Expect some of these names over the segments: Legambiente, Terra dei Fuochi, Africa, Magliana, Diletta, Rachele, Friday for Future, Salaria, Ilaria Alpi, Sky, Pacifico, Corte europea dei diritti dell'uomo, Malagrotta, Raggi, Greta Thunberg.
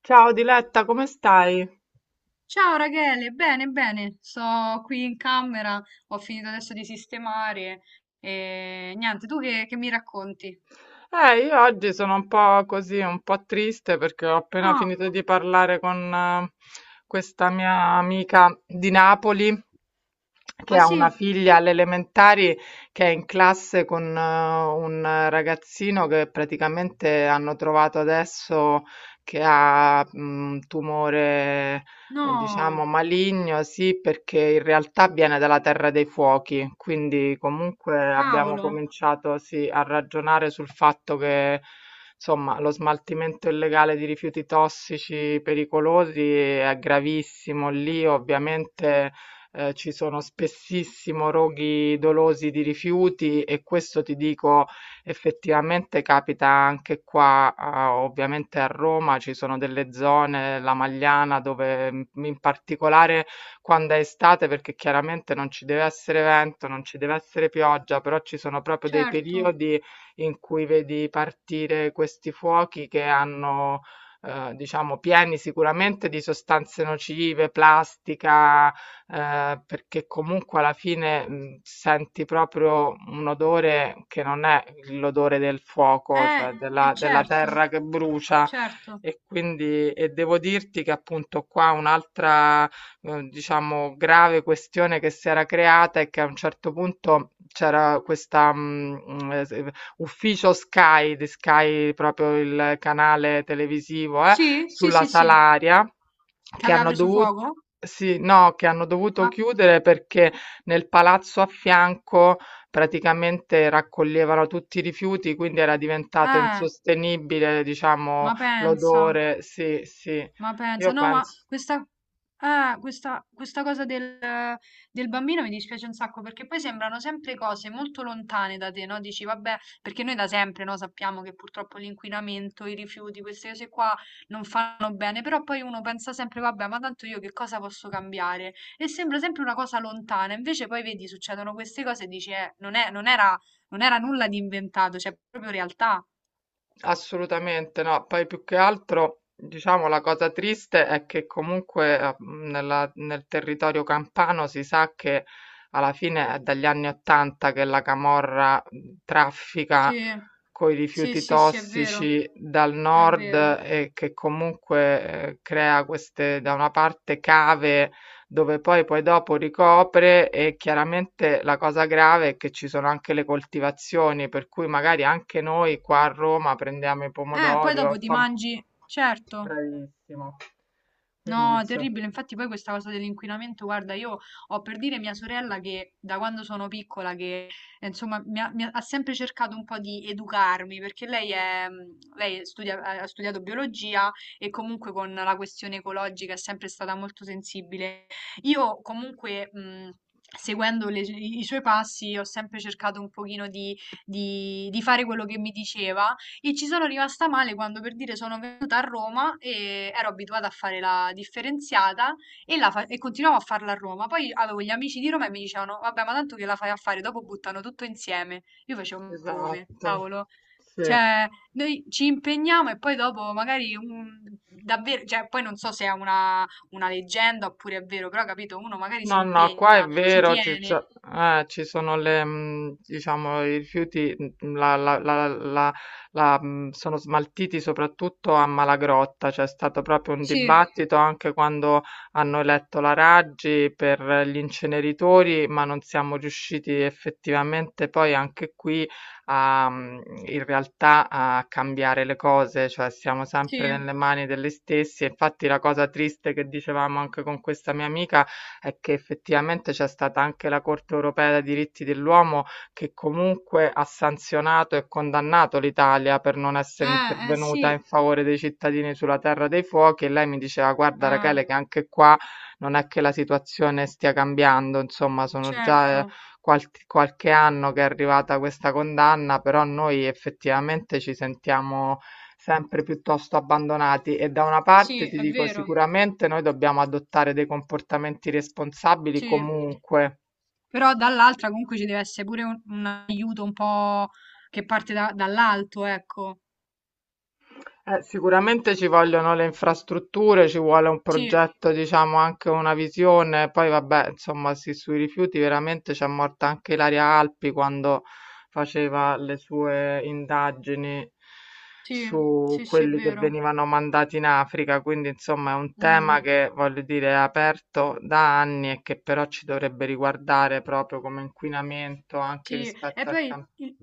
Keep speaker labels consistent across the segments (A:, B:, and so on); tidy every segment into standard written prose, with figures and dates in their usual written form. A: Ciao Diletta, come stai?
B: Ciao Rachele, bene, bene, sto qui in camera, ho finito adesso di sistemare e niente, tu che mi racconti?
A: Io oggi sono un po' così, un po' triste perché ho appena
B: Ah,
A: finito di parlare con questa mia amica di Napoli che
B: ah
A: ha una
B: sì,
A: figlia alle elementari che è in classe con un ragazzino che praticamente hanno trovato adesso che ha un tumore. Diciamo
B: no,
A: maligno, sì, perché in realtà viene dalla Terra dei Fuochi, quindi comunque abbiamo
B: cavolo,
A: cominciato, sì, a ragionare sul fatto che, insomma, lo smaltimento illegale di rifiuti tossici pericolosi è gravissimo. Lì ovviamente ci sono spessissimo roghi dolosi di rifiuti e questo ti dico. Effettivamente capita anche qua, a ovviamente a Roma ci sono delle zone, la Magliana, dove in particolare quando è estate, perché chiaramente non ci deve essere vento, non ci deve essere pioggia, però ci sono proprio dei
B: certo,
A: periodi in cui vedi partire questi fuochi che hanno, diciamo pieni sicuramente di sostanze nocive, plastica, perché comunque alla fine, senti proprio un odore che non è l'odore del fuoco, cioè della
B: certo,
A: terra che brucia.
B: certo,
A: E quindi e devo dirti che appunto qua un'altra, diciamo grave questione che si era creata è che a un certo punto c'era questa, mhmm, s ufficio Sky, di Sky proprio il canale televisivo,
B: sì, sì,
A: sulla
B: sì, sì,
A: Salaria
B: che
A: che
B: aveva
A: hanno
B: preso
A: dovu
B: fuoco?
A: sì, no, che hanno dovuto
B: Ma,
A: chiudere perché nel palazzo a fianco praticamente raccoglievano tutti i rifiuti, quindi era diventato
B: eh,
A: insostenibile, diciamo,
B: ma pensa.
A: l'odore. Sì, sì,
B: Ma pensa,
A: io
B: no, ma
A: penso
B: questa, eh, questa, questa cosa del bambino mi dispiace un sacco perché poi sembrano sempre cose molto lontane da te, no? Dici, vabbè, perché noi da sempre, no, sappiamo che purtroppo l'inquinamento, i rifiuti, queste cose qua non fanno bene, però poi uno pensa sempre, vabbè, ma tanto io che cosa posso cambiare? E sembra sempre una cosa lontana, invece poi vedi, succedono queste cose e dici, non era, non era nulla di inventato, cioè è proprio realtà.
A: assolutamente no. Poi più che altro, diciamo, la cosa triste è che comunque nel territorio campano si sa che alla fine è dagli anni 80 che la camorra traffica
B: Sì,
A: coi
B: sì,
A: rifiuti
B: sì, sì, è vero,
A: tossici dal
B: è
A: nord
B: vero.
A: e che comunque crea queste, da una parte, cave dove poi dopo ricopre e chiaramente la cosa grave è che ci sono anche le coltivazioni, per cui magari anche noi qua a Roma prendiamo i
B: Poi
A: pomodori, o
B: dopo ti
A: insomma,
B: mangi, certo.
A: bravissimo. Quindi,
B: No,
A: insomma,
B: terribile. Infatti poi questa cosa dell'inquinamento, guarda, io ho per dire mia sorella che da quando sono piccola, che insomma mi ha sempre cercato un po' di educarmi, perché lei ha studiato biologia e comunque con la questione ecologica è sempre stata molto sensibile. Io comunque... seguendo i suoi passi, ho sempre cercato un pochino di, di fare quello che mi diceva, e ci sono rimasta male quando per dire sono venuta a Roma e ero abituata a fare la differenziata e, e continuavo a farla a Roma. Poi avevo gli amici di Roma e mi dicevano: vabbè, ma tanto che la fai a fare, dopo buttano tutto insieme. Io facevo: ma come?
A: esatto,
B: Cavolo.
A: sì.
B: Cioè, noi ci impegniamo e poi dopo magari un- davvero, cioè, poi non so se è una leggenda oppure è vero, però capito, uno magari si
A: No, no, qua è
B: impegna, ci
A: vero,
B: tiene.
A: ci sono le, diciamo, i rifiuti, sono smaltiti soprattutto a Malagrotta, c'è stato proprio un
B: Sì,
A: dibattito anche quando hanno eletto la Raggi per gli inceneritori, ma non siamo riusciti effettivamente poi anche qui a, in realtà a cambiare le cose, cioè siamo
B: sì.
A: sempre nelle mani degli stessi, infatti la cosa triste che dicevamo anche con questa mia amica è che effettivamente c'è stata anche la Corte europea dei diritti dell'uomo che comunque ha sanzionato e condannato l'Italia per non essere
B: Sì.
A: intervenuta in favore dei cittadini sulla Terra dei Fuochi e lei mi diceva guarda
B: Eh,
A: Rachele che anche qua non è che la situazione stia cambiando, insomma sono già
B: certo.
A: qualche anno che è arrivata questa condanna, però noi effettivamente ci sentiamo sempre piuttosto abbandonati e da una parte
B: Sì,
A: ti
B: è
A: dico
B: vero,
A: sicuramente noi dobbiamo adottare dei comportamenti responsabili
B: sì.
A: comunque.
B: Però dall'altra comunque ci deve essere pure un aiuto un po' che parte da- dall'alto, ecco.
A: Sicuramente ci vogliono le infrastrutture, ci vuole un
B: Sì,
A: progetto, diciamo anche una visione, poi vabbè, insomma, sì, sui rifiuti veramente c'è morta anche Ilaria Alpi quando faceva le sue indagini
B: sì,
A: su
B: sì, sì, è
A: quelli che
B: vero.
A: venivano mandati in Africa, quindi insomma è un tema
B: Mm.
A: che voglio dire è aperto da anni e che però ci dovrebbe riguardare proprio come inquinamento anche
B: Sì, e
A: rispetto al
B: poi
A: campo.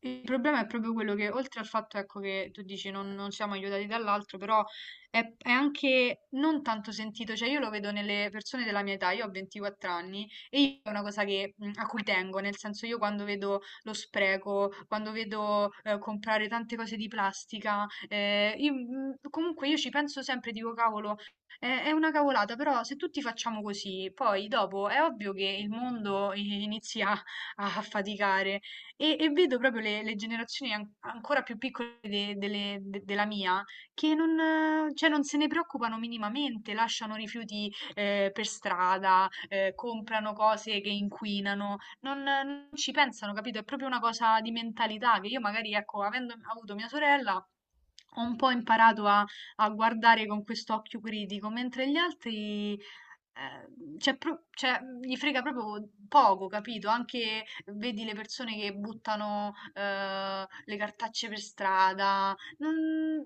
B: il problema è proprio quello che, oltre al fatto, ecco, che tu dici non siamo aiutati dall'altro, però è anche non tanto sentito, cioè io lo vedo nelle persone della mia età, io ho 24 anni e io è una cosa che, mm, a cui tengo, nel senso io quando vedo lo spreco, quando vedo comprare tante cose di plastica, io, mm, comunque io ci penso sempre, dico cavolo, è una cavolata, però se tutti facciamo così, poi dopo è ovvio che il mondo inizia a faticare e vedo proprio le generazioni ancora più piccole della mia che non, cioè, non se ne preoccupano minimamente, lasciano rifiuti per strada, comprano cose che inquinano, non ci pensano, capito? È proprio una cosa di mentalità che io magari, ecco, avendo avuto mia sorella, ho un po' imparato a, a guardare con quest'occhio critico, mentre gli altri cioè, gli frega proprio poco, capito? Anche vedi le persone che buttano le cartacce per strada,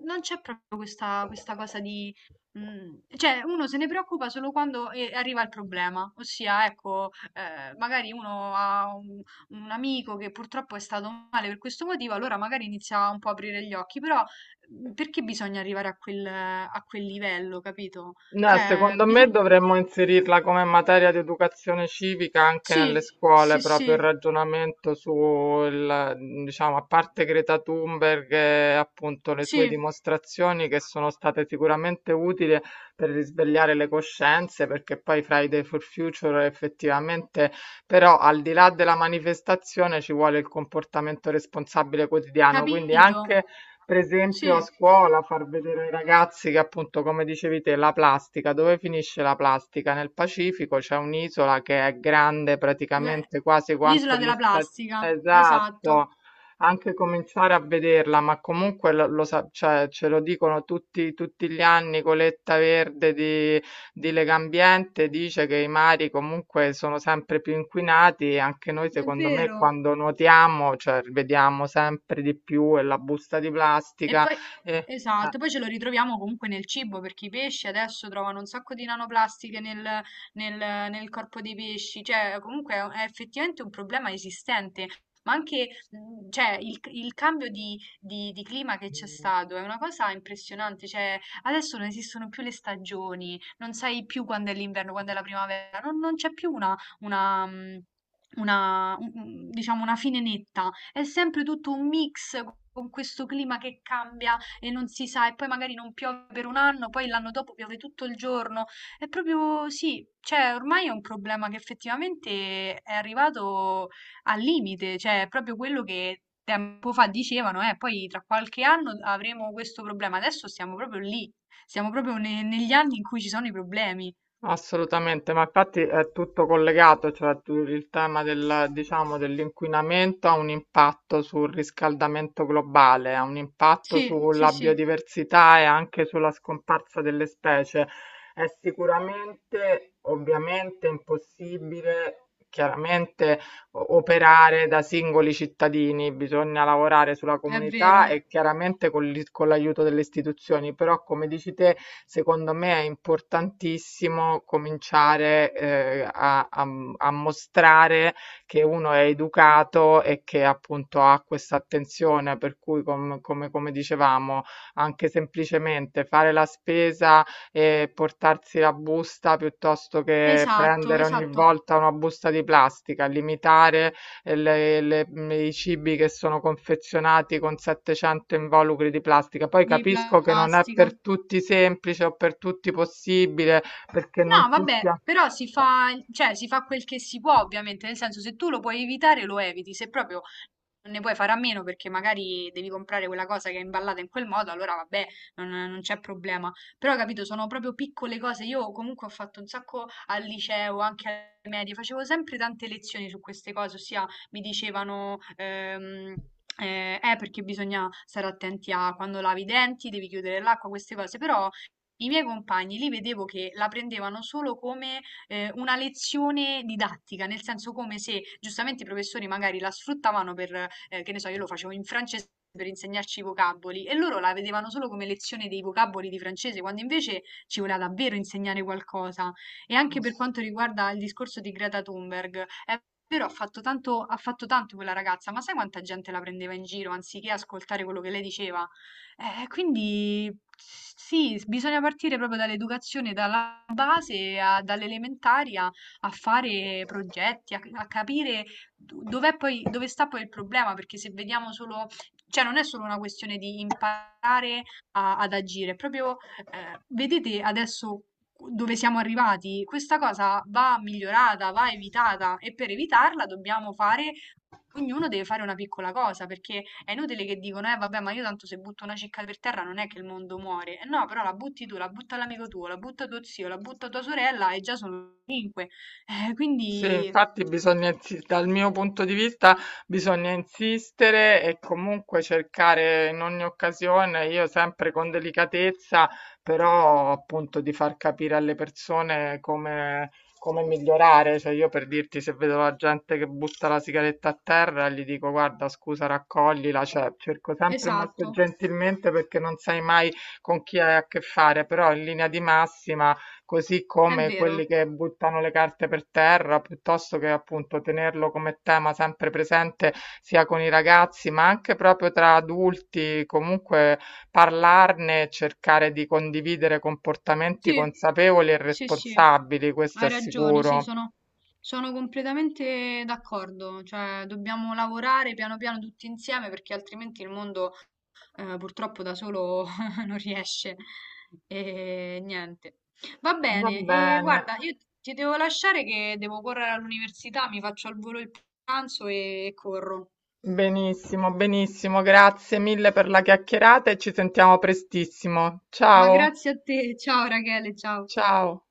B: non c'è proprio questa, questa cosa di... cioè, uno se ne preoccupa solo quando arriva il problema, ossia, ecco, magari uno ha un amico che purtroppo è stato male per questo motivo, allora magari inizia un po' a aprire gli occhi, però perché bisogna arrivare a a quel livello, capito?
A: No,
B: Cioè,
A: secondo me
B: bisogna...
A: dovremmo inserirla come materia di educazione civica anche nelle
B: Sì,
A: scuole,
B: sì,
A: proprio il
B: sì,
A: ragionamento sul, diciamo, a parte Greta Thunberg e appunto le sue
B: sì,
A: dimostrazioni che sono state sicuramente utili per risvegliare le coscienze, perché poi Friday for Future effettivamente, però al di là della manifestazione ci vuole il comportamento responsabile quotidiano, quindi
B: capito.
A: anche per esempio a
B: Sì,
A: scuola far vedere ai ragazzi che appunto, come dicevi te, la plastica, dove finisce la plastica? Nel Pacifico c'è un'isola che è grande
B: l-
A: praticamente quasi quanto
B: l'isola
A: gli
B: della
A: Stati...
B: plastica,
A: Esatto,
B: esatto,
A: anche cominciare a vederla, ma comunque cioè, ce lo dicono tutti, tutti gli anni, coletta verde di Legambiente dice che i mari comunque sono sempre più inquinati e anche noi
B: è
A: secondo me
B: vero.
A: quando nuotiamo, cioè vediamo sempre di più e la busta di
B: E
A: plastica
B: poi,
A: e eh.
B: esatto, poi ce lo ritroviamo comunque nel cibo, perché i pesci adesso trovano un sacco di nanoplastiche nel, nel- nel corpo dei pesci, cioè comunque è effettivamente un problema esistente. Ma anche, cioè, il cambio di, di clima che c'è stato è una cosa impressionante. Cioè, adesso non esistono più le stagioni, non sai più quando è l'inverno, quando è la primavera, non c'è più una, diciamo, una fine netta. È sempre tutto un mix con questo clima che cambia e non si sa, e poi magari non piove per un anno, poi l'anno dopo piove tutto il giorno. È proprio sì, cioè ormai è un problema che effettivamente è arrivato al limite, cioè è proprio quello che tempo fa dicevano, poi tra qualche anno avremo questo problema. Adesso siamo proprio lì, siamo proprio negli anni in cui ci sono i problemi.
A: Assolutamente, ma infatti è tutto collegato, cioè il tema del, diciamo, dell'inquinamento ha un impatto sul riscaldamento globale, ha un impatto
B: Sì, sì,
A: sulla
B: sì,
A: biodiversità e anche sulla scomparsa delle specie. È sicuramente, ovviamente, impossibile, chiaramente operare da singoli cittadini, bisogna lavorare sulla
B: è
A: comunità
B: vero.
A: e chiaramente con con l'aiuto delle istituzioni, però come dici te, secondo me è importantissimo cominciare a mostrare che uno è educato e che appunto ha questa attenzione, per cui come dicevamo, anche semplicemente fare la spesa e portarsi la busta piuttosto che
B: Esatto,
A: prendere ogni
B: esatto,
A: volta una busta di plastica, limitare eh, le- le- i cibi che sono confezionati con 700 involucri di plastica. Poi
B: di
A: capisco che non è
B: plastica.
A: per tutti semplice o per tutti possibile, perché
B: No,
A: non tutti
B: vabbè,
A: hanno...
B: però si fa, cioè si fa quel che si può ovviamente, nel senso se tu lo puoi evitare lo eviti, se proprio non ne puoi fare a meno perché magari devi comprare quella cosa che è imballata in quel modo, allora vabbè, non c'è problema. Però, capito, sono proprio piccole cose. Io comunque ho fatto un sacco al liceo, anche alle medie, facevo sempre tante lezioni su queste cose, ossia mi dicevano... perché bisogna stare attenti a quando lavi i denti, devi chiudere l'acqua, queste cose, però i miei compagni li vedevo che la prendevano solo come una lezione didattica, nel senso come se giustamente i professori magari la sfruttavano per, che ne so, io lo facevo in francese per insegnarci i vocaboli e loro la vedevano solo come lezione dei vocaboli di francese, quando invece ci voleva davvero insegnare qualcosa. E anche per quanto riguarda il discorso di Greta Thunberg, è vero, ha fatto tanto quella ragazza, ma sai quanta gente la prendeva in giro anziché ascoltare quello che lei diceva? Quindi sì, bisogna partire proprio dall'educazione, dalla base, dall'elementari a, a fare progetti, a, a capire dove sta poi il problema, perché se vediamo solo, cioè non è solo una questione di imparare ad agire, è proprio vedete adesso dove siamo arrivati, questa cosa va migliorata, va evitata e per evitarla dobbiamo fare ognuno deve fare una piccola cosa, perché è inutile che dicono, eh vabbè, ma io tanto se butto una cicca per terra non è che il mondo muore. Eh no, però la butti tu, la butta l'amico tuo, la butta tuo zio, la butta tua sorella e già sono 5.
A: Sì,
B: Quindi,
A: infatti bisogna dal mio punto di vista bisogna insistere e comunque cercare in ogni occasione, io sempre con delicatezza, però appunto di far capire alle persone come, come migliorare. Cioè io per dirti se vedo la gente che butta la sigaretta a terra, gli dico guarda scusa raccoglila, cioè cerco sempre molto
B: esatto,
A: gentilmente perché non sai mai con chi hai a che fare, però in linea di massima così
B: è
A: come quelli
B: vero.
A: che buttano le carte per terra, piuttosto che appunto tenerlo come tema sempre presente sia con i ragazzi, ma anche proprio tra adulti, comunque parlarne, e cercare di condividere comportamenti
B: Sì,
A: consapevoli e
B: sì, sì,
A: responsabili, questo è
B: hai ragione, sì,
A: sicuro.
B: sono... Sono completamente d'accordo, cioè dobbiamo lavorare piano piano tutti insieme perché altrimenti il mondo purtroppo da solo non riesce. E niente. Va
A: Va
B: bene, e
A: bene.
B: guarda, io ti devo lasciare che devo correre all'università, mi faccio al volo il pranzo e corro.
A: Benissimo, benissimo, grazie mille per la chiacchierata e ci sentiamo prestissimo.
B: Ma
A: Ciao,
B: grazie a te, ciao Rachele, ciao.
A: ciao.